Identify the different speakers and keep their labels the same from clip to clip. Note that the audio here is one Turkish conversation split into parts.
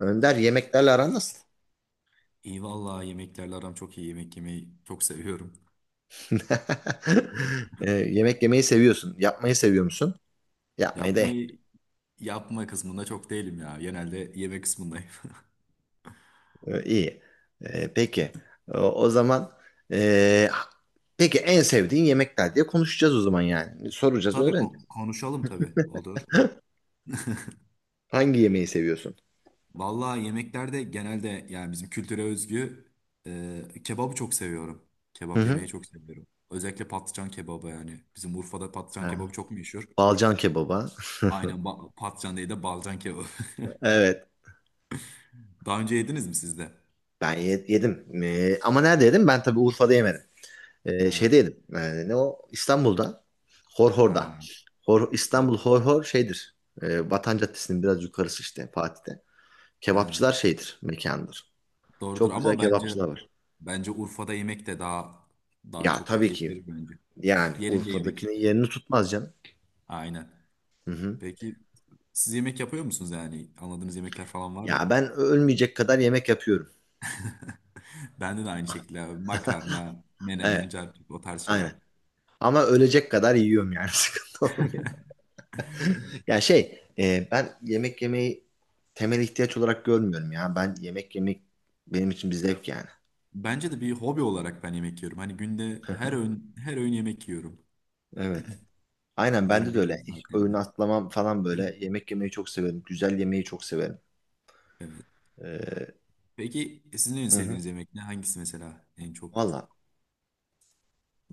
Speaker 1: Önder, yemeklerle aran nasıl?
Speaker 2: İyi vallahi yemeklerle aram çok iyi. Yemek yemeyi çok seviyorum.
Speaker 1: Yemek yemeyi seviyorsun. Yapmayı seviyor musun? Yapmayı da
Speaker 2: Yapmayı yapma kısmında çok değilim ya. Genelde yeme kısmındayım.
Speaker 1: iyi. Peki. O zaman, e, peki en sevdiğin yemekler diye konuşacağız o zaman yani. Soracağız,
Speaker 2: Tabii
Speaker 1: öğreneceğiz.
Speaker 2: konuşalım tabii olur.
Speaker 1: Hangi yemeği seviyorsun?
Speaker 2: Vallahi yemeklerde genelde yani bizim kültüre özgü kebabı çok seviyorum.
Speaker 1: Hı
Speaker 2: Kebap yemeyi
Speaker 1: hı.
Speaker 2: çok seviyorum. Özellikle patlıcan kebabı yani. Bizim Urfa'da patlıcan
Speaker 1: Ha,
Speaker 2: kebabı çok meşhur.
Speaker 1: Balcan kebaba.
Speaker 2: Aynen patlıcan değil de balcan kebabı.
Speaker 1: Evet.
Speaker 2: Daha önce yediniz mi siz de?
Speaker 1: Ben yedim. Ama nerede yedim? Ben tabii Urfa'da yemedim. Ee,
Speaker 2: Ha,
Speaker 1: şeydeydim. Yani ne o? İstanbul'da. Horhor'da.
Speaker 2: ha.
Speaker 1: Hor, İstanbul
Speaker 2: O,
Speaker 1: Horhor şeydir. Vatan Caddesi'nin biraz yukarısı, işte Fatih'te.
Speaker 2: ha.
Speaker 1: Kebapçılar şeydir, mekandır.
Speaker 2: Doğrudur
Speaker 1: Çok güzel
Speaker 2: ama bence
Speaker 1: kebapçılar var.
Speaker 2: Bence Urfa'da yemek de daha
Speaker 1: Ya
Speaker 2: çok
Speaker 1: tabii
Speaker 2: keyif
Speaker 1: ki,
Speaker 2: verir bence.
Speaker 1: yani
Speaker 2: Yerinde yemek.
Speaker 1: Urfa'dakinin yerini tutmaz canım.
Speaker 2: Aynen.
Speaker 1: Hı hı.
Speaker 2: Peki siz yemek yapıyor musunuz yani? Anladığınız yemekler falan var mı?
Speaker 1: Ya ben ölmeyecek kadar yemek yapıyorum.
Speaker 2: Bende de aynı şekilde abi. Makarna, menemen,
Speaker 1: Evet,
Speaker 2: carpik o tarz şeyler.
Speaker 1: aynen. Ama ölecek kadar yiyorum yani sıkıntı olmuyor. Ya şey, ben yemek yemeyi temel ihtiyaç olarak görmüyorum ya. Ben yemek yemek, benim için bir zevk yani.
Speaker 2: Bence de bir hobi olarak ben yemek yiyorum. Hani günde her öğün her öğün yemek yiyorum.
Speaker 1: Evet. Aynen
Speaker 2: Günün
Speaker 1: bende de öyle.
Speaker 2: belirli
Speaker 1: Hiç öğün
Speaker 2: saatlerinde.
Speaker 1: atlamam falan böyle. Yemek yemeyi çok severim. Güzel yemeyi çok severim.
Speaker 2: Evet.
Speaker 1: Ee,
Speaker 2: Peki sizin en
Speaker 1: hı hı.
Speaker 2: sevdiğiniz yemek ne? Hangisi mesela en çok?
Speaker 1: Valla.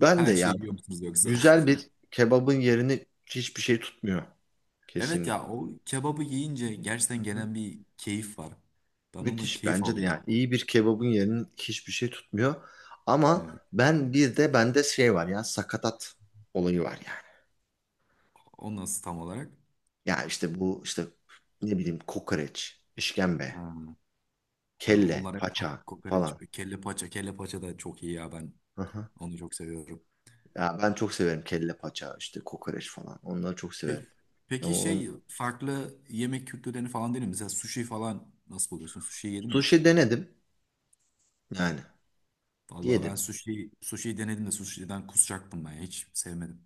Speaker 1: Ben de
Speaker 2: Her
Speaker 1: ya,
Speaker 2: şeyi yiyor musunuz yoksa?
Speaker 1: güzel bir kebabın yerini hiçbir şey tutmuyor.
Speaker 2: Evet
Speaker 1: Kesinlikle.
Speaker 2: ya o kebabı yiyince
Speaker 1: Hı
Speaker 2: gerçekten
Speaker 1: hı.
Speaker 2: gelen bir keyif var. Ben ondan
Speaker 1: Müthiş
Speaker 2: keyif
Speaker 1: bence de
Speaker 2: alıyorum.
Speaker 1: yani. İyi bir kebabın yerini hiçbir şey tutmuyor. Ama
Speaker 2: Evet.
Speaker 1: ben bir de, bende şey var ya, sakatat olayı var yani.
Speaker 2: O nasıl tam olarak?
Speaker 1: Ya işte bu, işte ne bileyim, kokoreç,
Speaker 2: Ha,
Speaker 1: işkembe,
Speaker 2: ha,
Speaker 1: kelle,
Speaker 2: onlar evet,
Speaker 1: paça
Speaker 2: kokoreç,
Speaker 1: falan.
Speaker 2: kelle paça, kelle paça da çok iyi ya ben
Speaker 1: Hı hı.
Speaker 2: onu çok seviyorum.
Speaker 1: Ya ben çok severim kelle paça, işte kokoreç falan. Onları çok severim.
Speaker 2: Peki, peki
Speaker 1: Ama
Speaker 2: şey farklı yemek kültürlerini falan denedin mi? Mesela sushi falan nasıl buluyorsun? Sushi yedin mi hiç?
Speaker 1: sushi denedim. Yani
Speaker 2: Vallahi ben
Speaker 1: yedim.
Speaker 2: sushi denedim de sushi'den kusacaktım ben ya. Hiç sevmedim.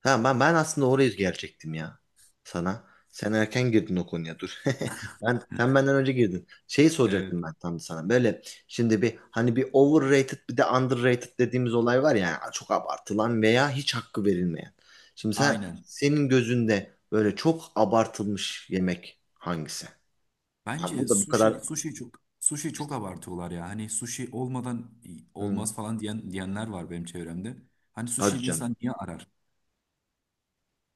Speaker 1: Ha, ben aslında oraya gelecektim ya sana. Sen erken girdin o konuya, dur. Sen benden önce girdin. Şeyi
Speaker 2: Evet.
Speaker 1: soracaktım ben tam da sana. Böyle şimdi bir, hani bir overrated bir de underrated dediğimiz olay var ya. Yani çok abartılan veya hiç hakkı verilmeyen. Şimdi sen
Speaker 2: Aynen.
Speaker 1: senin gözünde böyle çok abartılmış yemek hangisi? Ha,
Speaker 2: Bence
Speaker 1: bu da bu kadar,
Speaker 2: sushi çok abartıyorlar ya. Hani sushi olmadan
Speaker 1: hmm,
Speaker 2: olmaz falan diyen diyenler var benim çevremde. Hani
Speaker 1: hadi
Speaker 2: sushi bir
Speaker 1: canım.
Speaker 2: insan niye arar?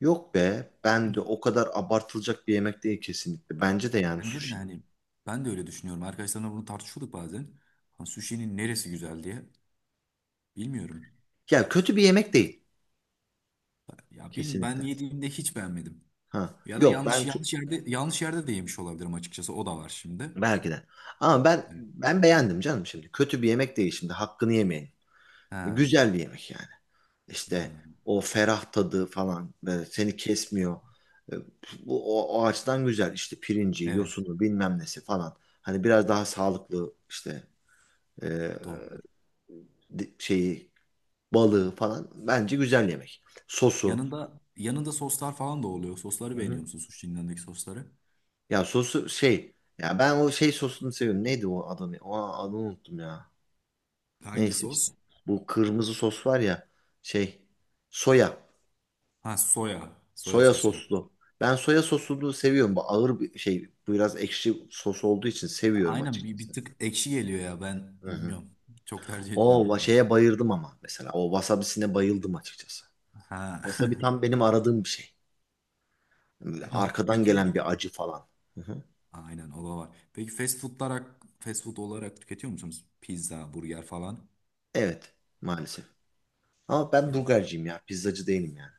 Speaker 1: Yok be, ben de o kadar abartılacak bir yemek değil kesinlikle. Bence de yani
Speaker 2: Bence de
Speaker 1: sushi.
Speaker 2: hani ben de öyle düşünüyorum. Arkadaşlarımla bunu tartışıyorduk bazen. Ha, sushi'nin neresi güzel diye. Bilmiyorum.
Speaker 1: Ya kötü bir yemek değil
Speaker 2: Ya bilmiyorum ben
Speaker 1: kesinlikle.
Speaker 2: yediğimde hiç beğenmedim.
Speaker 1: Ha,
Speaker 2: Ya da
Speaker 1: yok ben
Speaker 2: yanlış
Speaker 1: çok
Speaker 2: yanlış yerde yanlış yerde de yemiş olabilirim açıkçası. O da var şimdi.
Speaker 1: belki de. Ama ben
Speaker 2: Evet.
Speaker 1: ben beğendim canım şimdi. Kötü bir yemek değil şimdi. Hakkını yemeyin.
Speaker 2: Ha,
Speaker 1: Güzel bir yemek yani.
Speaker 2: ha.
Speaker 1: İşte o ferah tadı falan böyle seni kesmiyor. E, Bu o açıdan güzel. İşte pirinci,
Speaker 2: Evet,
Speaker 1: yosunu, bilmem nesi falan. Hani biraz daha sağlıklı işte, e,
Speaker 2: doğru.
Speaker 1: şeyi, balığı falan bence güzel yemek. Sosu.
Speaker 2: Yanında soslar falan da oluyor. Sosları
Speaker 1: Hı hı.
Speaker 2: beğeniyor musun sushi'nin yanındaki sosları?
Speaker 1: Ya sosu şey. Ya ben o şey sosunu seviyorum. Neydi o adını? O adını unuttum ya.
Speaker 2: Hangi
Speaker 1: Neyse işte.
Speaker 2: sos?
Speaker 1: Bu kırmızı sos var ya. Şey. Soya.
Speaker 2: Ha soya. Soya
Speaker 1: Soya
Speaker 2: sosu.
Speaker 1: soslu. Ben soya sosunu seviyorum. Bu ağır bir şey. Bu biraz ekşi sos olduğu için seviyorum
Speaker 2: Aynen bir
Speaker 1: açıkçası.
Speaker 2: tık ekşi geliyor ya ben
Speaker 1: Hı hı.
Speaker 2: bilmiyorum. Çok tercih
Speaker 1: O
Speaker 2: etmiyorum
Speaker 1: va-
Speaker 2: bunu.
Speaker 1: şeye bayıldım ama mesela. O wasabisine bayıldım açıkçası.
Speaker 2: Ha.
Speaker 1: Wasabi tam benim aradığım bir şey. Arkadan
Speaker 2: Peki
Speaker 1: gelen bir acı falan. Hı hı.
Speaker 2: aynen o da var. Peki fast foodlar fast food olarak tüketiyor musunuz? Pizza, burger falan.
Speaker 1: Evet. Maalesef. Ama ben
Speaker 2: Ya
Speaker 1: burgerciyim ya. Pizzacı değilim yani.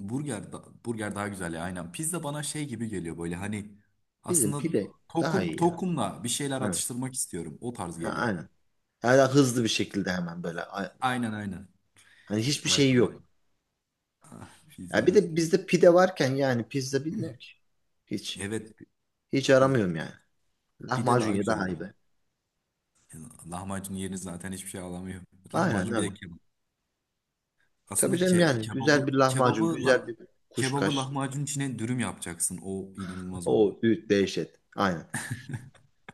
Speaker 2: burger daha güzel ya aynen. Pizza bana şey gibi geliyor böyle hani
Speaker 1: Bizim
Speaker 2: aslında
Speaker 1: pide daha
Speaker 2: tokum
Speaker 1: iyi ya.
Speaker 2: tokumla bir şeyler
Speaker 1: Evet.
Speaker 2: atıştırmak istiyorum. O tarz
Speaker 1: Ha,
Speaker 2: geliyor.
Speaker 1: aynen. Yani daha hızlı bir şekilde hemen böyle. A-
Speaker 2: Aynen.
Speaker 1: Hani hiçbir
Speaker 2: Olay
Speaker 1: şeyi
Speaker 2: tam da.
Speaker 1: yok.
Speaker 2: Ah,
Speaker 1: Ya bir
Speaker 2: pizzanın.
Speaker 1: de bizde pide varken, yani pizza bilmiyor ki. Hiç.
Speaker 2: Evet
Speaker 1: Hiç
Speaker 2: pizza
Speaker 1: aramıyorum yani.
Speaker 2: pide
Speaker 1: Lahmacun
Speaker 2: daha
Speaker 1: ya
Speaker 2: güzel
Speaker 1: daha
Speaker 2: ya.
Speaker 1: iyi be.
Speaker 2: Lahmacun yerine zaten hiçbir şey alamıyor.
Speaker 1: Aynen
Speaker 2: Lahmacun bir
Speaker 1: öyle.
Speaker 2: de kebap. Aslında
Speaker 1: Tabii canım yani. Güzel bir lahmacun, güzel bir
Speaker 2: kebabı
Speaker 1: kuşkaş.
Speaker 2: lahmacun içine dürüm yapacaksın. O inanılmaz oluyor.
Speaker 1: O dehşet. Aynen.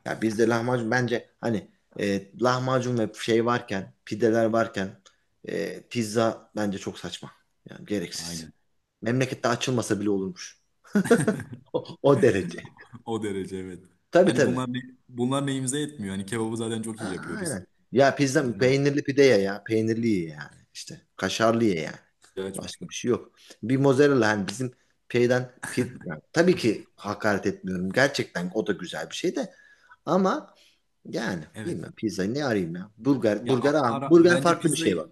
Speaker 1: Ya bizde lahmacun bence hani, lahmacun ve şey varken, pideler varken, pizza bence çok saçma. Yani gereksiz.
Speaker 2: Aynen.
Speaker 1: Memlekette açılmasa bile olurmuş. O derece.
Speaker 2: O derece evet.
Speaker 1: Tabii
Speaker 2: Hani
Speaker 1: tabii.
Speaker 2: bunlar neyimize etmiyor. Hani kebabı zaten çok iyi
Speaker 1: A-
Speaker 2: yapıyoruz.
Speaker 1: aynen. Ya pizza,
Speaker 2: Lahmacun
Speaker 1: peynirli pide ye ya. Peynirli ye yani. İşte kaşarlı ye yani. Başka
Speaker 2: açmışlar.
Speaker 1: bir şey yok. Bir mozzarella, hani bizim şeyden yani tabii ki hakaret etmiyorum. Gerçekten o da güzel bir şey de, ama yani
Speaker 2: Evet.
Speaker 1: bilmem pizzayı ne arayayım ya. Burger,
Speaker 2: Ya
Speaker 1: burger abi. Burger
Speaker 2: bence
Speaker 1: farklı bir şey bak.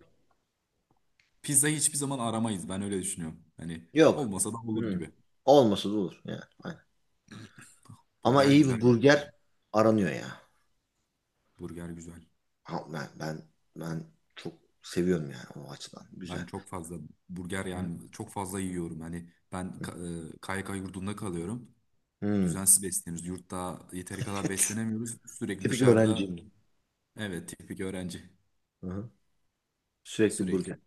Speaker 2: pizzayı hiçbir zaman aramayız. Ben öyle düşünüyorum. Hani
Speaker 1: Yok.
Speaker 2: olmasa da olur
Speaker 1: Hmm.
Speaker 2: gibi.
Speaker 1: Olmasa da olur yani. Aynen. Ama
Speaker 2: Burger
Speaker 1: iyi
Speaker 2: güzel
Speaker 1: bir
Speaker 2: yani.
Speaker 1: burger aranıyor ya.
Speaker 2: Burger güzel.
Speaker 1: Ha, ben çok seviyorum yani o açıdan.
Speaker 2: Ben
Speaker 1: Güzel.
Speaker 2: çok fazla burger
Speaker 1: Hı
Speaker 2: yani çok fazla yiyorum. Hani ben
Speaker 1: hı.
Speaker 2: KYK yurdunda kalıyorum.
Speaker 1: Hı.
Speaker 2: Düzensiz besleniyoruz. Yurtta yeteri kadar beslenemiyoruz. Sürekli
Speaker 1: Tipik
Speaker 2: dışarıda
Speaker 1: öğrenciyim.
Speaker 2: evet tipik öğrenci.
Speaker 1: Hı hı. Sürekli burger.
Speaker 2: Sürekli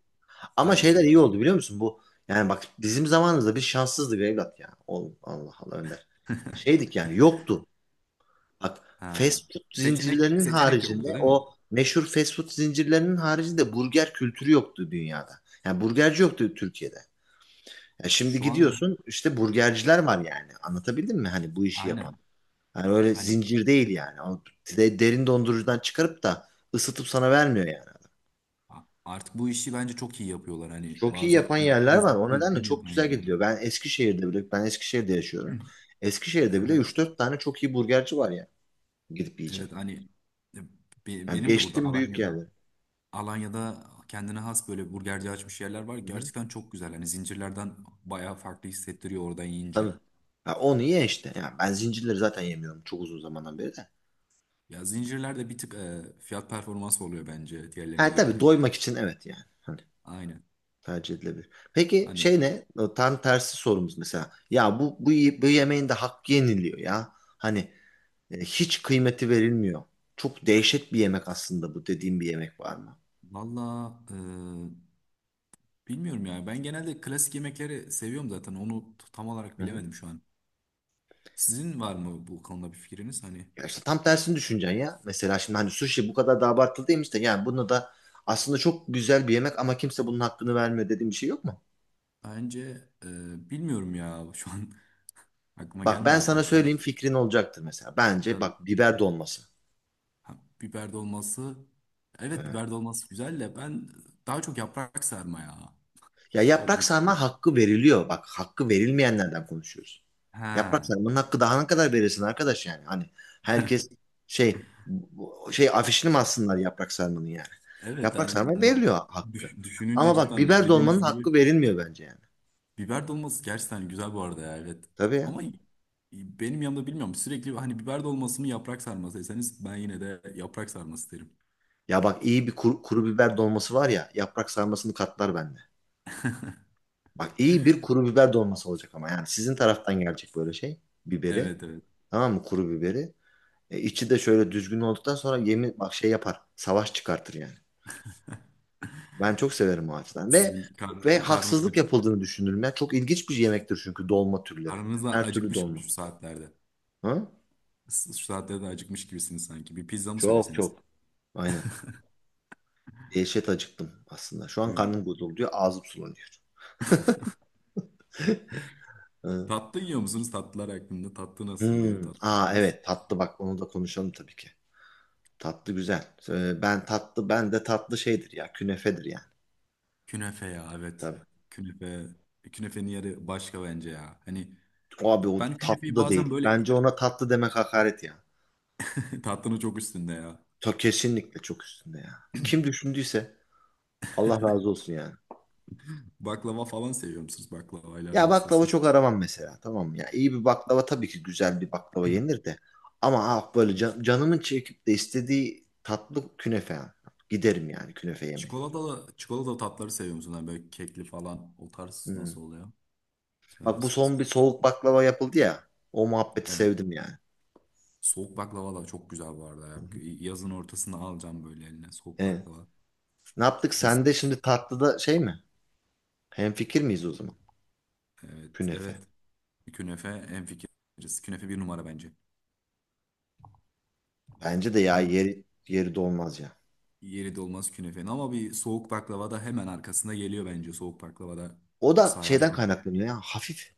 Speaker 1: Ama
Speaker 2: aynen
Speaker 1: şeyler iyi oldu
Speaker 2: sürekli.
Speaker 1: biliyor musun? Bu, yani bak bizim zamanımızda biz şanssızdık evlat ya. Oğlum, Allah Allah Önder. Şeydik yani, yoktu. Bak,
Speaker 2: Ha.
Speaker 1: fast food
Speaker 2: Seçenek
Speaker 1: zincirlerinin
Speaker 2: seçenek
Speaker 1: haricinde,
Speaker 2: yoktu değil mi?
Speaker 1: o meşhur fast food zincirlerinin haricinde burger kültürü yoktu dünyada. Yani burgerci yoktu Türkiye'de. Ya şimdi
Speaker 2: Şu an
Speaker 1: gidiyorsun, işte burgerciler var yani. Anlatabildim mi? Hani bu işi yapan.
Speaker 2: aynen.
Speaker 1: Yani öyle
Speaker 2: Hani
Speaker 1: zincir değil yani. O derin dondurucudan çıkarıp da ısıtıp sana vermiyor yani.
Speaker 2: artık bu işi bence çok iyi yapıyorlar. Hani
Speaker 1: Çok iyi
Speaker 2: bazıları
Speaker 1: yapan yerler var. O nedenle
Speaker 2: üzgün
Speaker 1: çok
Speaker 2: yapan
Speaker 1: güzel
Speaker 2: yerler var.
Speaker 1: gidiliyor. Ben Eskişehir'de bile, ben Eskişehir'de yaşıyorum. Eskişehir'de bile
Speaker 2: Aha.
Speaker 1: üç dört tane çok iyi burgerci var ya. Gidip yiyeceğim.
Speaker 2: Evet hani e,
Speaker 1: Yani
Speaker 2: benim de burada
Speaker 1: geçtim büyük yerleri.
Speaker 2: Alanya'da kendine has böyle burgerci açmış yerler var.
Speaker 1: Hı-hı.
Speaker 2: Gerçekten çok güzel. Hani zincirlerden bayağı farklı hissettiriyor oradan yiyince.
Speaker 1: Tabii. Ha, onu ye işte. Yani ben zincirleri zaten yemiyorum çok uzun zamandan beri de.
Speaker 2: Ya zincirler de bir tık fiyat performans oluyor bence diğerlerine
Speaker 1: Ha
Speaker 2: göre
Speaker 1: tabii,
Speaker 2: hani.
Speaker 1: doymak için, evet yani. Hani
Speaker 2: Aynen.
Speaker 1: tercih edilebilir. Peki
Speaker 2: Hani
Speaker 1: şey ne? O tam tersi sorumuz mesela. Ya bu yemeğin de hakkı yeniliyor ya. Hani, hiç kıymeti verilmiyor. Çok dehşet bir yemek aslında bu dediğim bir yemek var mı?
Speaker 2: valla bilmiyorum ya. Ben genelde klasik yemekleri seviyorum zaten. Onu tam olarak
Speaker 1: Hı hı.
Speaker 2: bilemedim şu an. Sizin var mı bu konuda bir fikriniz? Hani
Speaker 1: Ya işte tam tersini düşüneceksin ya. Mesela şimdi, hani sushi bu kadar da abartılı değilmiş de, yani bunu da aslında çok güzel bir yemek ama kimse bunun hakkını vermiyor dediğim bir şey yok mu?
Speaker 2: bence bilmiyorum ya. Şu an aklıma
Speaker 1: Bak ben
Speaker 2: gelmedi
Speaker 1: sana
Speaker 2: tam.
Speaker 1: söyleyeyim, fikrin olacaktır mesela. Bence
Speaker 2: Tabii.
Speaker 1: bak, biber dolması.
Speaker 2: Ha, biber dolması. Evet
Speaker 1: Evet.
Speaker 2: biber dolması güzel de ben daha çok yaprak sarma ya.
Speaker 1: Ya yaprak
Speaker 2: Dolma kısmı.
Speaker 1: sarma hakkı veriliyor. Bak, hakkı verilmeyenlerden konuşuyoruz. Yaprak
Speaker 2: Ha.
Speaker 1: sarmanın hakkı daha ne kadar verirsin arkadaş yani. Hani herkes şey, şey afişini mi assınlar yaprak sarmanın yani.
Speaker 2: Evet
Speaker 1: Yaprak
Speaker 2: yani
Speaker 1: sarma veriliyor hakkı.
Speaker 2: düşününce
Speaker 1: Ama bak
Speaker 2: cidden
Speaker 1: biber dolmanın
Speaker 2: dediğiniz
Speaker 1: hakkı
Speaker 2: gibi
Speaker 1: verilmiyor bence yani.
Speaker 2: biber dolması gerçekten güzel bu arada ya evet.
Speaker 1: Tabii ya.
Speaker 2: Ama benim yanımda bilmiyorum sürekli hani biber dolması mı yaprak sarması deseniz ben yine de yaprak sarması derim.
Speaker 1: Ya bak, iyi bir kuru biber dolması var ya, yaprak sarmasını katlar bende. Bak iyi bir kuru biber dolması olacak ama, yani sizin taraftan gelecek, böyle şey biberi.
Speaker 2: Evet evet.
Speaker 1: Tamam mı, kuru biberi? E, içi de şöyle düzgün olduktan sonra yemin bak şey yapar. Savaş çıkartır yani. Ben çok severim o açıdan. Ve
Speaker 2: Sizin
Speaker 1: ve
Speaker 2: karnınız
Speaker 1: haksızlık yapıldığını düşünürüm. Ya çok ilginç bir yemektir çünkü, dolma türleri.
Speaker 2: karnınız da
Speaker 1: Her türlü
Speaker 2: acıkmış gibi
Speaker 1: dolma.
Speaker 2: şu saatlerde.
Speaker 1: Ha?
Speaker 2: Şu saatlerde de acıkmış gibisiniz sanki. Bir pizza mı
Speaker 1: Çok
Speaker 2: söyleseniz?
Speaker 1: çok. Aynen. Dehşet acıktım aslında. Şu an
Speaker 2: Evet.
Speaker 1: karnım gurulduyor, ağzım sulanıyor. Ha.
Speaker 2: Tatlı yiyor musunuz? Tatlılar hakkında. Tatlı nasıl gidiyor
Speaker 1: Hmm. Aa,
Speaker 2: tatlılarınız?
Speaker 1: evet tatlı, bak onu da konuşalım tabii ki. Tatlı güzel. Ben tatlı, ben de tatlı şeydir ya, künefedir yani.
Speaker 2: Künefe ya evet.
Speaker 1: Tabii.
Speaker 2: Künefe. Künefenin yeri başka bence ya. Hani
Speaker 1: O, abi o
Speaker 2: ben
Speaker 1: tatlı
Speaker 2: künefeyi
Speaker 1: da
Speaker 2: bazen
Speaker 1: değil.
Speaker 2: böyle
Speaker 1: Bence ona tatlı demek hakaret ya.
Speaker 2: tatlının çok üstünde ya.
Speaker 1: Ta kesinlikle çok üstünde ya. Kim düşündüyse Allah razı olsun yani.
Speaker 2: Baklava falan seviyor musunuz? Baklavayla
Speaker 1: Ya
Speaker 2: aranız
Speaker 1: baklava
Speaker 2: nasıl?
Speaker 1: çok aramam mesela, tamam mı ya? İyi bir baklava, tabii ki güzel bir baklava yenir de. Ama ah böyle canımın çekip de istediği tatlı, künefe yani. Giderim yani künefe yemeye.
Speaker 2: Çikolatalı tatları seviyor musunuz? Hani böyle kekli falan o tarz
Speaker 1: Hmm.
Speaker 2: nasıl oluyor? Sever
Speaker 1: Bak, bu
Speaker 2: misiniz?
Speaker 1: son bir soğuk baklava yapıldı ya. O muhabbeti
Speaker 2: Evet.
Speaker 1: sevdim yani.
Speaker 2: Soğuk baklava da çok güzel bu arada ya.
Speaker 1: Hı hı.
Speaker 2: Yazın ortasında alacağım böyle eline. Soğuk
Speaker 1: Evet.
Speaker 2: baklava.
Speaker 1: Ne yaptık?
Speaker 2: Mis.
Speaker 1: Sen de şimdi tatlıda şey mi? Hemfikir miyiz o zaman?
Speaker 2: Evet.
Speaker 1: Künefe.
Speaker 2: Evet. Künefe en fikiriz. Künefe bir numara bence.
Speaker 1: Bence de ya,
Speaker 2: Ama
Speaker 1: yeri dolmaz ya.
Speaker 2: yeri de olmaz künefenin. Ama bir soğuk baklava da hemen arkasında geliyor bence. Soğuk baklava da
Speaker 1: O da
Speaker 2: sarar
Speaker 1: şeyden
Speaker 2: yani.
Speaker 1: kaynaklanıyor ya. Hafif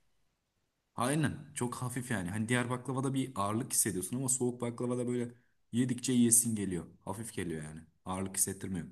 Speaker 2: Aynen. Çok hafif yani. Hani diğer baklavada bir ağırlık hissediyorsun ama soğuk baklavada böyle yedikçe yiyesin geliyor. Hafif geliyor yani. Ağırlık hissettirmiyor.